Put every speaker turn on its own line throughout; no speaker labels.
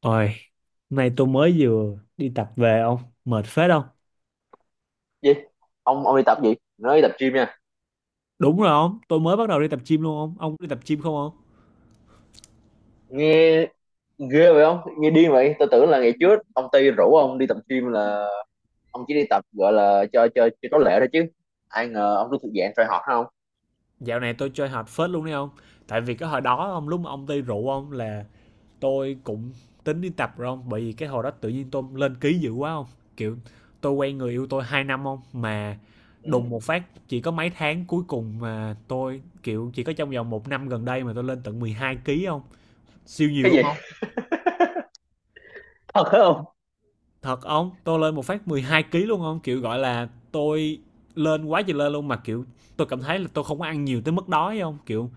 Ôi, nay tôi mới vừa đi tập về ông, mệt phết không?
Gì? Ông đi tập gì? Nói đi tập gym nha.
Đúng rồi ông, tôi mới bắt đầu đi tập gym luôn ông đi tập gym không ông?
Nghe ghê vậy không, nghe điên vậy. Tôi tưởng là ngày trước ông Tây rủ ông đi tập gym là ông chỉ đi tập, gọi là cho có lệ thôi, chứ ai ngờ ông cứ thuộc dạng try hard không.
Dạo này tôi chơi hard phết luôn đấy ông, tại vì cái hồi đó ông lúc mà ông đi rượu ông là tôi cũng tính đi tập rồi ông, bởi vì cái hồi đó tự nhiên tôi lên ký dữ quá ông, kiểu tôi quen người yêu tôi 2 năm ông mà
Ừ.
đùng một phát chỉ có mấy tháng cuối cùng mà tôi kiểu chỉ có trong vòng một năm gần đây mà tôi lên tận 12 ký ông, siêu nhiều
Cái
luôn.
gì? Thật hả không?
Thật ông, tôi lên một phát 12 ký luôn không? Kiểu gọi là tôi lên quá trời lên luôn mà kiểu tôi cảm thấy là tôi không có ăn nhiều tới mức đói không? Kiểu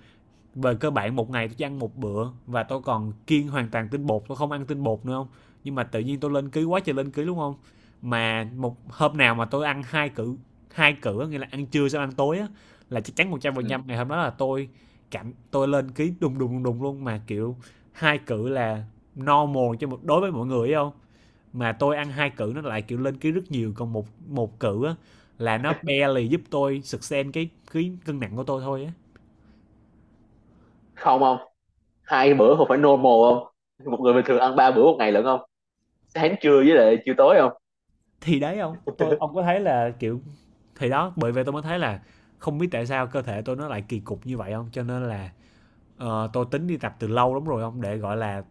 về cơ bản một ngày tôi chỉ ăn một bữa và tôi còn kiêng hoàn toàn tinh bột, tôi không ăn tinh bột nữa không? Nhưng mà tự nhiên tôi lên ký quá trời lên ký luôn không? Mà một hôm nào mà tôi ăn hai cử, hai cử nghĩa là ăn trưa xong ăn tối á là chắc chắn
Ừ.
100% ngày hôm đó là tôi cảm tôi lên ký đùng đùng đùng đùng luôn mà kiểu hai cử là normal cho một đối với mọi người không? Mà tôi ăn hai cử nó lại kiểu lên ký rất nhiều, còn một một cử á là nó barely giúp tôi sustain cái cân nặng của tôi thôi á.
Không, không, hai bữa không phải normal không. Một người bình thường ăn ba bữa một ngày lận không. Sáng, trưa với lại chiều tối không.
Thì đấy ông tôi ông có thấy là kiểu thì đó bởi vậy tôi mới thấy là không biết tại sao cơ thể tôi nó lại kỳ cục như vậy không, cho nên là tôi tính đi tập từ lâu lắm rồi ông để gọi là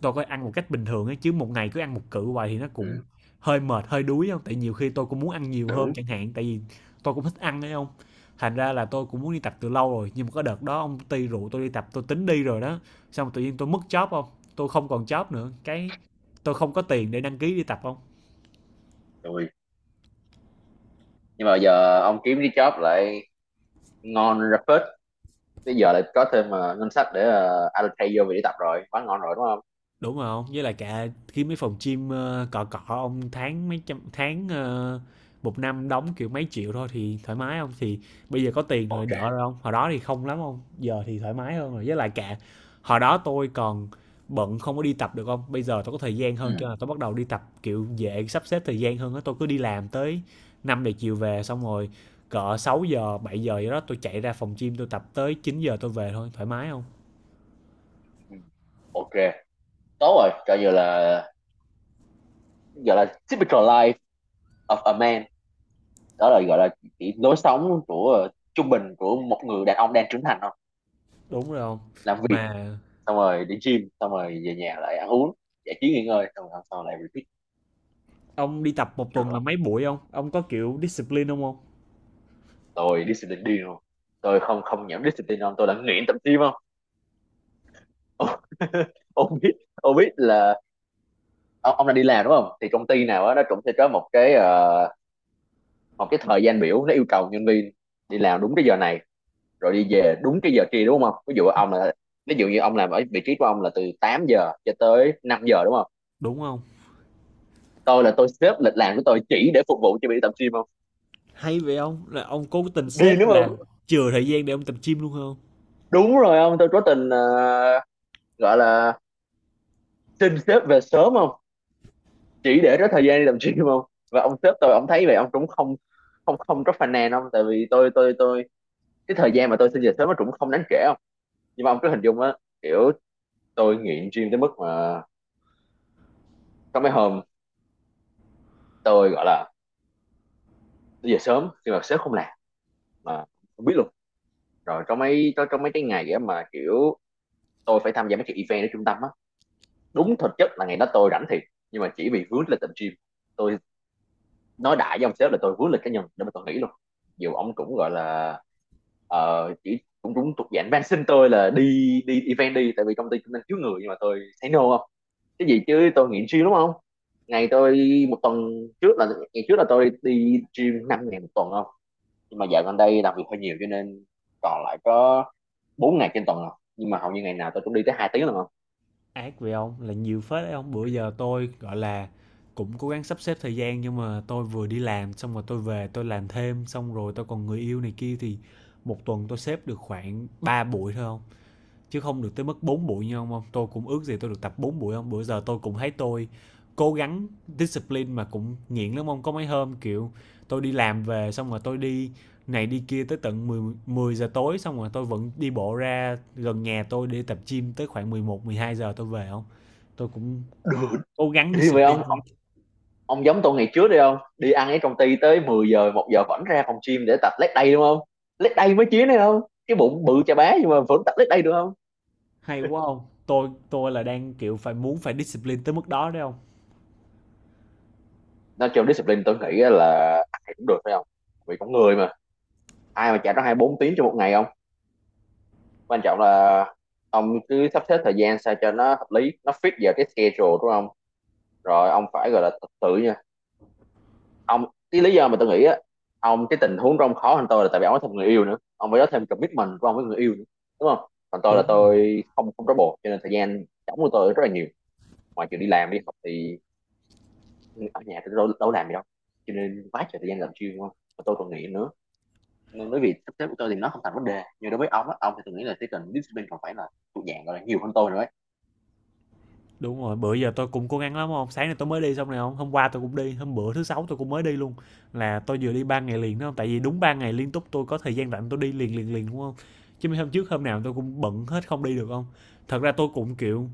tôi có ăn một cách bình thường ấy chứ một ngày cứ ăn một cự hoài thì nó cũng
Ừ.
hơi mệt hơi đuối không, tại nhiều khi tôi cũng muốn ăn nhiều hơn
Đúng
chẳng hạn tại vì tôi cũng thích ăn đấy không. Thành ra là tôi cũng muốn đi tập từ lâu rồi nhưng mà có đợt đó ông ty rượu tôi đi tập tôi tính đi rồi đó, xong tự nhiên tôi mất job không, tôi không còn job nữa, cái tôi không có tiền để đăng ký đi tập không.
rồi, nhưng mà giờ ông kiếm cái job lại ngon ra phết. Bây giờ lại có thêm ngân sách để allocate vô việc đi tập rồi, quá ngon rồi đúng không.
Đúng rồi không, với lại cả khi mấy phòng gym cọ cọ ông tháng mấy trăm tháng một năm đóng kiểu mấy triệu thôi thì thoải mái không, thì bây giờ có tiền rồi
Ok.
đỡ rồi không, hồi đó thì không lắm không, giờ thì thoải mái hơn rồi, với lại cả hồi đó tôi còn bận không có đi tập được không. Bây giờ tôi có thời gian hơn cho
Ừ.
nên là tôi bắt đầu đi tập kiểu dễ sắp xếp thời gian hơn á, tôi cứ đi làm tới 5 giờ chiều về xong rồi cỡ 6 giờ 7 giờ gì đó tôi chạy ra phòng gym tôi tập tới 9 giờ tôi về thôi thoải mái không.
Ừ. Ok, tốt rồi. Coi như là, gọi là, typical life of a man. Đó là, gọi là, chỉ lối sống của trung bình của một người đàn ông đang trưởng thành thôi.
Đúng rồi không,
Làm việc,
mà
xong rồi đi gym, xong rồi về nhà lại ăn uống, giải trí nghỉ ngơi, xong rồi hôm sau lại repeat
ông đi tập một tuần là
nữa.
mấy buổi không? Ông có kiểu discipline không ông?
Tôi discipline điên luôn. Tôi không không nhảm discipline không, tôi là nghiện tập gym không. Ông biết, ông biết là ông đang đi làm đúng không? Thì công ty nào đó nó cũng sẽ có một cái một cái thời gian biểu, nó yêu cầu nhân viên đi làm đúng cái giờ này rồi đi về đúng cái giờ trưa đúng không. Ví dụ như ông làm ở vị trí của ông là từ 8 giờ cho tới 5 giờ đúng không.
Đúng không?
Tôi là tôi xếp lịch làm của tôi chỉ để phục vụ cho việc tập gym không.
Hay vậy ông? Là ông cố tình
Đi
xếp
đúng không.
là chừa thời gian để ông tập gym luôn không?
Đúng rồi ông, tôi cố tình gọi là xin sếp về sớm không, chỉ để có thời gian đi tập gym không. Và ông sếp tôi ông thấy vậy ông cũng không không không có phàn nàn không, tại vì tôi cái thời gian mà tôi xin về sớm nó cũng không đáng kể không. Nhưng mà ông cứ hình dung á, kiểu tôi nghiện gym tới mức mà có mấy hôm tôi gọi là đi về sớm nhưng mà sếp không làm, mà không biết luôn. Rồi có mấy cái ngày á mà kiểu tôi phải tham gia mấy cái event ở trung tâm á. Đúng thực chất là ngày đó tôi rảnh thiệt, nhưng mà chỉ vì vướng lịch tập gym, tôi nói đại với ông sếp là tôi vướng lịch cá nhân để mà tôi nghỉ luôn. Dù ông cũng gọi là chỉ cũng cũng thuộc dạng van xin tôi là đi đi event đi, tại vì công ty cũng đang thiếu người, nhưng mà tôi thấy no không. Cái gì chứ tôi nghiện gym đúng không. Ngày tôi một tuần trước là ngày trước là tôi đi gym 5 ngày một tuần không. Nhưng mà dạo gần đây làm việc hơi nhiều cho nên còn lại có 4 ngày trên tuần rồi, nhưng mà hầu như ngày nào tôi cũng đi tới 2 tiếng rồi không.
Ác vậy ông? Là nhiều phết đấy ông. Bữa giờ tôi gọi là cũng cố gắng sắp xếp thời gian nhưng mà tôi vừa đi làm xong rồi tôi về tôi làm thêm xong rồi tôi còn người yêu này kia, thì một tuần tôi xếp được khoảng 3 buổi thôi không? Chứ không được tới mức 4 buổi như ông không, tôi cũng ước gì tôi được tập 4 buổi không, bữa giờ tôi cũng thấy tôi cố gắng discipline mà cũng nghiện lắm ông, có mấy hôm kiểu tôi đi làm về xong rồi tôi đi này đi kia tới tận 10 giờ tối xong rồi tôi vẫn đi bộ ra gần nhà tôi để tập gym tới khoảng 11 12 giờ tôi về không, tôi cũng cố gắng
Đi vậy
discipline.
ông. Ông giống tôi ngày trước đi, không đi ăn ở công ty tới 10 giờ, 1 giờ vẫn ra phòng gym để tập leg day đúng không. Leg day mới chiến đấy không, cái bụng bự chà bá nhưng mà vẫn tập leg day được không.
Hay quá không, tôi là đang kiểu phải muốn phải discipline tới mức đó đấy không.
Nói chung discipline tôi nghĩ là ai cũng được phải không. Vì con người mà, ai mà chạy ra 24 tiếng trong một ngày không. Quan trọng là ông cứ sắp xếp thời gian sao cho nó hợp lý, nó fit vào cái schedule đúng không. Rồi ông phải gọi là tự tự ông. Cái lý do mà tôi nghĩ á, ông cái tình huống trong khó hơn tôi là tại vì ông có thêm người yêu nữa, ông phải có thêm commitment của ông với người yêu nữa đúng không. Còn tôi là
Đúng rồi.
tôi không không trói bồ, cho nên thời gian trống của tôi rất là nhiều. Ngoài chuyện đi làm đi học thì ở nhà tôi đâu có làm gì đâu, cho nên quá trời thời gian làm chuyên đúng không, và tôi còn nghĩ nữa. Nên bởi vì sắp xếp của tôi thì nó không thành vấn đề, nhưng đối với ông thì tôi nghĩ là cái cần discipline còn phải là thuộc dạng, gọi là, nhiều hơn tôi nữa ấy.
Đúng rồi, bữa giờ tôi cũng cố gắng lắm hông? Sáng nay tôi mới đi xong này không, hôm qua tôi cũng đi, hôm bữa thứ Sáu tôi cũng mới đi luôn, là tôi vừa đi 3 ngày liền đó hông? Tại vì đúng 3 ngày liên tục tôi có thời gian rảnh tôi đi liền, liền, liền đúng không. Chứ mấy hôm trước hôm nào tôi cũng bận hết không đi được không. Thật ra tôi cũng, kiểu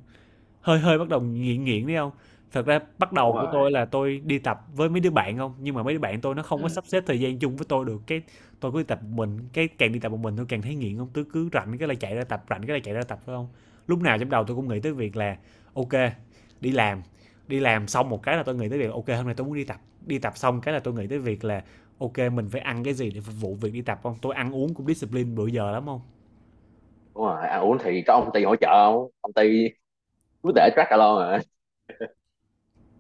hơi hơi bắt đầu nghiện nghiện đấy không? Thật ra bắt
Đúng
đầu của
rồi.
tôi là tôi đi tập với mấy đứa bạn không, nhưng mà mấy đứa bạn tôi nó không có
Ừ.
sắp xếp thời gian chung với tôi được, cái tôi cứ đi tập một mình, cái càng đi tập một mình tôi càng thấy nghiện không, tôi cứ rảnh cái là chạy ra tập, rảnh cái là chạy ra tập phải không? Lúc nào trong đầu tôi cũng nghĩ tới việc là ok, đi làm, đi làm xong một cái là tôi nghĩ tới việc ok hôm nay tôi muốn đi tập xong cái là tôi nghĩ tới việc là ok mình phải ăn cái gì để phục vụ việc đi tập không? Tôi ăn uống cũng discipline bữa giờ lắm không?
Đúng rồi, ăn uống thì có ông Ty hỗ trợ không. Ông Ty cứ để track alone rồi.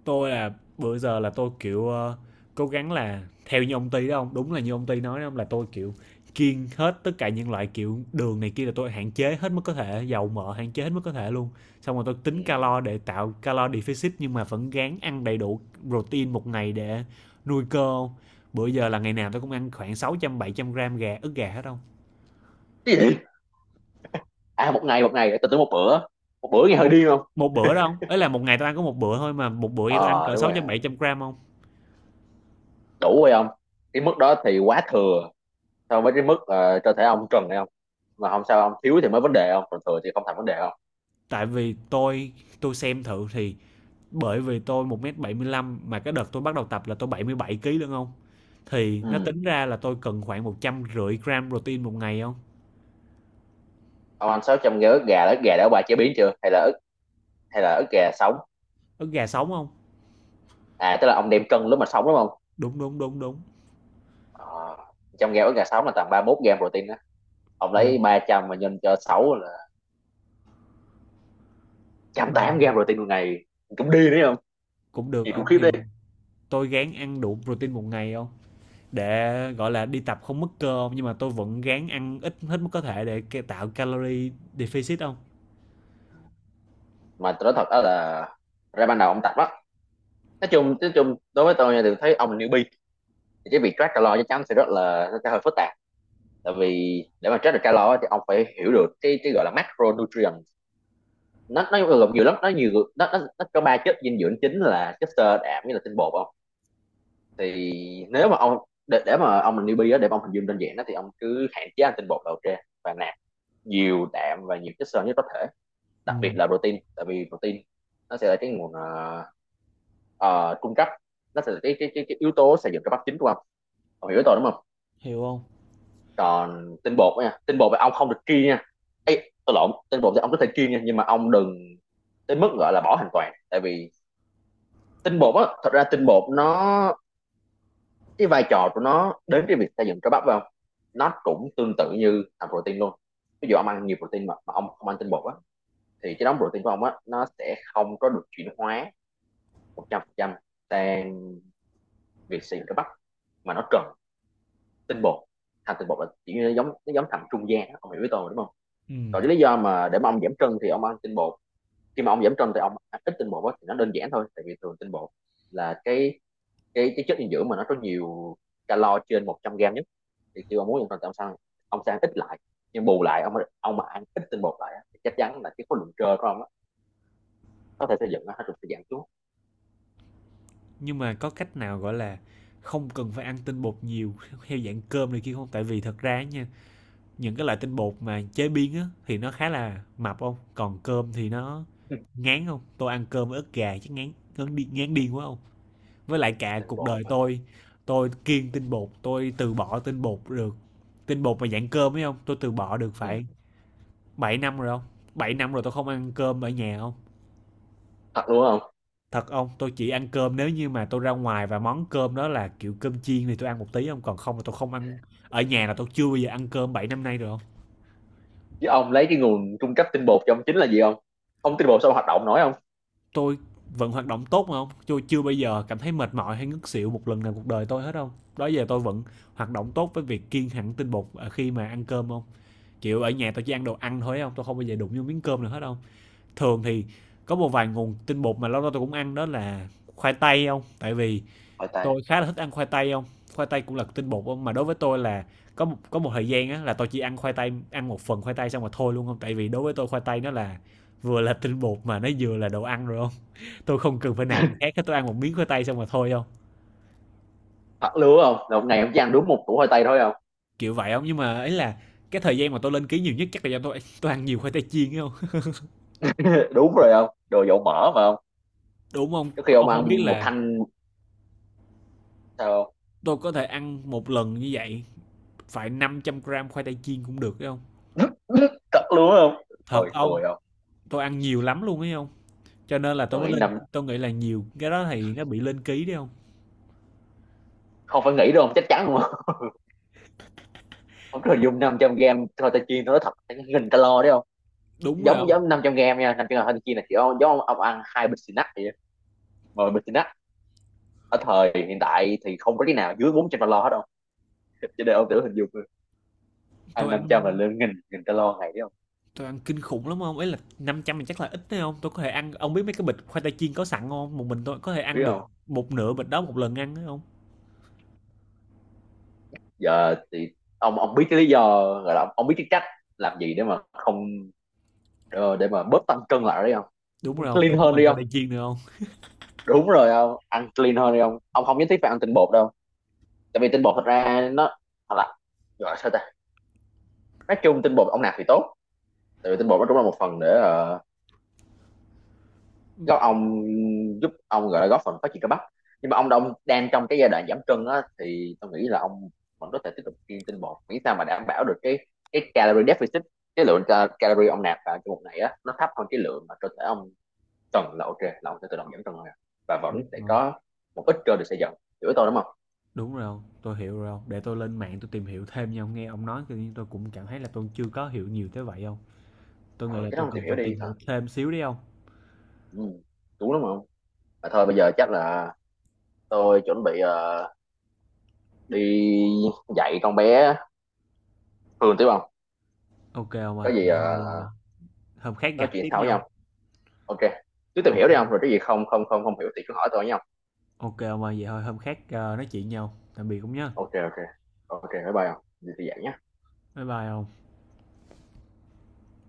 Tôi là bữa giờ là tôi kiểu cố gắng là theo như ông Ty đó không? Đúng là như ông Ty nói đó không? Là tôi kiểu kiêng hết tất cả những loại kiểu đường này kia là tôi hạn chế hết mức có thể, dầu mỡ hạn chế hết mức có thể luôn. Xong rồi tôi
Ừ.
tính calo để tạo calo deficit nhưng mà vẫn gắng ăn đầy đủ protein một ngày để nuôi cơ. Bữa giờ là ngày nào tôi cũng ăn khoảng 600 700 gram gà ức gà hết không?
Cái gì? À, một ngày tôi tưởng một bữa. Một bữa nghe hơi
Một
điên không.
một bữa đâu không? Ấy là một ngày tôi ăn có một bữa thôi mà một bữa vậy tôi ăn cỡ
Đúng
sáu
rồi,
trăm bảy trăm gram không?
đủ rồi không? Cái mức đó thì quá thừa so với cái mức cơ thể ông cần hay không. Mà không sao, ông thiếu thì mới vấn đề không, còn thừa thì không thành vấn đề không.
Tại vì tôi xem thử thì bởi vì tôi 1,75 m mà cái đợt tôi bắt đầu tập là tôi 77 kg đúng không? Thì nó
Ừ,
tính ra là tôi cần khoảng 150 gram protein một ngày không.
ông ăn 600 gram ức gà là ức gà đã qua chế biến chưa, hay là ức gà sống.
Ức gà sống không.
À tức là ông đem cân lúc mà sống đúng không.
Đúng, đúng, đúng, đúng.
ờ, trong g ức gà sống là tầm 31 gram protein đó. Ông
Ừ,
lấy 300 mà nhân cho 6 là trăm
ba
tám gram protein một ngày, cũng đi đấy không.
cũng được
Gì cũng
không,
khiếp
thì
đi.
tôi ráng ăn đủ protein một ngày không. Để, gọi là, đi tập không mất cơ hông? Nhưng mà tôi vẫn ráng ăn ít hết mức có thể để tạo calorie deficit không.
Mà tôi nói thật đó là, ra ban đầu ông tập á, nói chung đối với tôi nha, thì thấy ông là newbie thì cái việc track calo chắc chắn sẽ rất là sẽ hơi phức tạp. Tại vì để mà track được calo á, thì ông phải hiểu được cái gọi là macronutrient. Nó gồm nhiều lắm, nó nhiều nó có ba chất dinh dưỡng chính là chất xơ, đạm với là tinh bột không. Thì nếu mà ông để mà ông là newbie á, để mà ông hình dung đơn giản đó thì ông cứ hạn chế ăn tinh bột đầu tiên, và nạp nhiều đạm và nhiều chất xơ nhất có thể, đặc biệt
Ừm,
là protein. Tại vì protein nó sẽ là cái nguồn cung cấp, nó sẽ là cái yếu tố xây dựng cơ bắp chính của ông. Ông hiểu tôi đúng không.
hiểu không.
Còn tinh bột nha, tinh bột thì ông không được kiêng nha, ấy tôi lộn, tinh bột thì ông có thể kiêng nha, nhưng mà ông đừng tới mức gọi là bỏ hoàn toàn. Tại vì tinh bột á, thật ra tinh bột nó, cái vai trò của nó đến cái việc xây dựng cơ bắp phải không, nó cũng tương tự như thành protein luôn. Ví dụ ông ăn nhiều protein mà ông không ăn tinh bột á, thì cái đống protein của ông á nó sẽ không có được chuyển hóa 100% sang việc xây dựng cơ bắp, mà nó cần tinh bột. Thành tinh bột là chỉ như nó giống thành trung gian á. Ông hiểu với tôi mà, đúng không. Còn
Ừm,
cái lý do mà để mà ông giảm cân thì ông ăn tinh bột, khi mà ông giảm cân thì ông ăn ít tinh bột á, thì nó đơn giản thôi. Tại vì thường tinh bột là cái chất dinh dưỡng mà nó có nhiều calo trên 100 gram nhất. Thì khi ông muốn giảm cân thì ông sang ít lại. Nhưng bù lại ông mà ăn ít tinh bột lại á, thì chắc chắn là cái khối lượng cơ của ông á, có thể xây dựng nó sẽ giảm xuống.
nhưng mà có cách nào, gọi là, không cần phải ăn tinh bột nhiều theo dạng cơm này kia hông? Tại vì thật ra nha, những cái loại tinh bột mà chế biến á thì nó khá là mập không? Còn cơm thì nó ngán không? Tôi ăn cơm với ức gà chắc ngán ngán điên quá không? Với lại cả
Tinh
cuộc
bột
đời
á.
tôi kiêng tinh bột, tôi từ bỏ tinh bột được. Tinh bột mà dạng cơm ấy không? Tôi từ bỏ được
Ừ.
phải 7 năm rồi không? 7 năm rồi tôi không ăn cơm ở nhà không?
Thật luôn không.
Thật không? Tôi chỉ ăn cơm nếu như mà tôi ra ngoài và món cơm đó là kiểu cơm chiên thì tôi ăn một tí không? Còn không là tôi không ăn. Ở nhà là tôi chưa bao giờ ăn cơm 7 năm nay rồi không?
Chứ ông lấy cái nguồn cung cấp tinh bột cho ông chính là gì không. Không tinh bột sao ông hoạt động nổi không.
Tôi vẫn hoạt động tốt mà không, tôi chưa bao giờ cảm thấy mệt mỏi hay ngất xỉu một lần nào cuộc đời tôi hết không. Đó giờ tôi vẫn hoạt động tốt với việc kiêng hẳn tinh bột ở khi mà ăn cơm không, kiểu ở nhà tôi chỉ ăn đồ ăn thôi không, tôi không bao giờ đụng vô miếng cơm nào hết không. Thường thì có một vài nguồn tinh bột mà lâu lâu tôi cũng ăn đó là khoai tây không, tại vì
Hỏi tây.
tôi khá là thích ăn khoai tây không, khoai tây cũng là tinh bột không, mà đối với tôi là có một thời gian á là tôi chỉ ăn khoai tây ăn một phần khoai tây xong rồi thôi luôn không, tại vì đối với tôi khoai tây nó là vừa là tinh bột mà nó vừa là đồ ăn rồi không, tôi không cần phải nạp gì khác hết, tôi ăn một miếng khoai tây xong rồi thôi không.
Thật luôn không, là một ngày ông chỉ ăn đúng một củ khoai tây thôi không.
Kiểu vậy không, nhưng mà ấy là cái thời gian mà tôi lên ký nhiều nhất chắc là do tôi ăn nhiều khoai tây chiên không.
Đúng rồi không, đồ dầu mỡ mà không.
Đúng không,
Trước khi ông
ông không biết
ăn một
là
thanh sao.
tôi có thể ăn một lần như vậy phải 500 gram khoai tây chiên cũng được ấy không.
Cất luôn á không.
Thật
Thôi
ông,
tôi không.
tôi ăn nhiều lắm luôn ấy không, cho nên là tôi
Tôi
mới
nghĩ
lên,
năm,
tôi nghĩ là nhiều cái đó thì nó bị lên ký đấy không.
không phải nghĩ đâu không, chắc chắn luôn không. Không rồi, dùng 500 gram thôi ta chiên nó thật nghìn calo đấy không.
Đúng rồi
giống
không?
giống 500 gram nha, 500 gram thôi ta chiên là chỉ ông, giống ông ăn hai bịch xì nắc vậy á. Mà bịch xì nắc ở thời hiện tại thì không có cái nào dưới 400 calo hết đâu. Cho nên ông thử hình dung, ăn
tôi ăn
500 là lên nghìn nghìn calo ngày đấy không
tôi ăn kinh khủng lắm không, ấy là 500 thì chắc là ít đấy không, tôi có thể ăn, ông biết mấy cái bịch khoai tây chiên có sẵn không, một mình tôi có thể
biết
ăn được
không.
một nửa bịch đó một lần ăn đấy không.
Giờ thì ông biết cái lý do, gọi là ông biết cái cách làm gì để mà không, để mà bớt tăng cân lại đi không.
Đúng
Ăn
rồi không,
clean
tôi không,
hơn
mình
đi
phải
không.
đi chiên nữa không.
Đúng rồi không, ăn clean hơn đi không. Ông không nhất thiết phải ăn tinh bột đâu. Tại vì tinh bột thật ra nó, thật là, gọi sao ta, nói chung tinh bột ông nạp thì tốt. Tại vì tinh bột nó cũng là một phần để góp ông giúp ông, gọi là, góp phần phát triển cơ bắp. Nhưng mà ông đông đang trong cái giai đoạn giảm cân á thì tôi nghĩ là ông vẫn có thể tiếp tục kiêng tinh bột, miễn sao mà đảm bảo được cái calorie deficit. Cái lượng calorie ông nạp vào trong một ngày á nó thấp hơn cái lượng mà cơ thể ông Trần là ok, là ông sẽ tự động giảm Trần thôi à, và vẫn
Đúng
sẽ
rồi,
có một ít cơ được xây dựng. Hiểu tôi đúng không.
đúng rồi không, tôi hiểu rồi không. Để tôi lên mạng tôi tìm hiểu thêm nha, ông nghe ông nói tự nhiên tôi cũng cảm thấy là tôi chưa có hiểu nhiều tới vậy không. Tôi nghĩ
Ờ,
là
cái đó
tôi
ông
cần
tìm hiểu
phải
đi
tìm
thật.
hiểu thêm xíu đi không.
Ừ, đúng lắm không. Mà thôi bây giờ chắc là tôi chuẩn bị đi dạy con bé Hương tiếp không.
Ok ông ơi,
Có gì
vậy thôi hôm khác
nói
gặp
chuyện
tiếp
sau với
nhau.
nhau. Ok, cứ tìm hiểu đi không, rồi cái gì không không không không hiểu thì cứ hỏi tôi nha không.
Ok ông ơi, vậy thôi hôm khác, nói chuyện nhau. Tạm biệt cũng nhá.
Ok, ok, ok, bye bye không, đi dạy nhé.
Bye bye ông.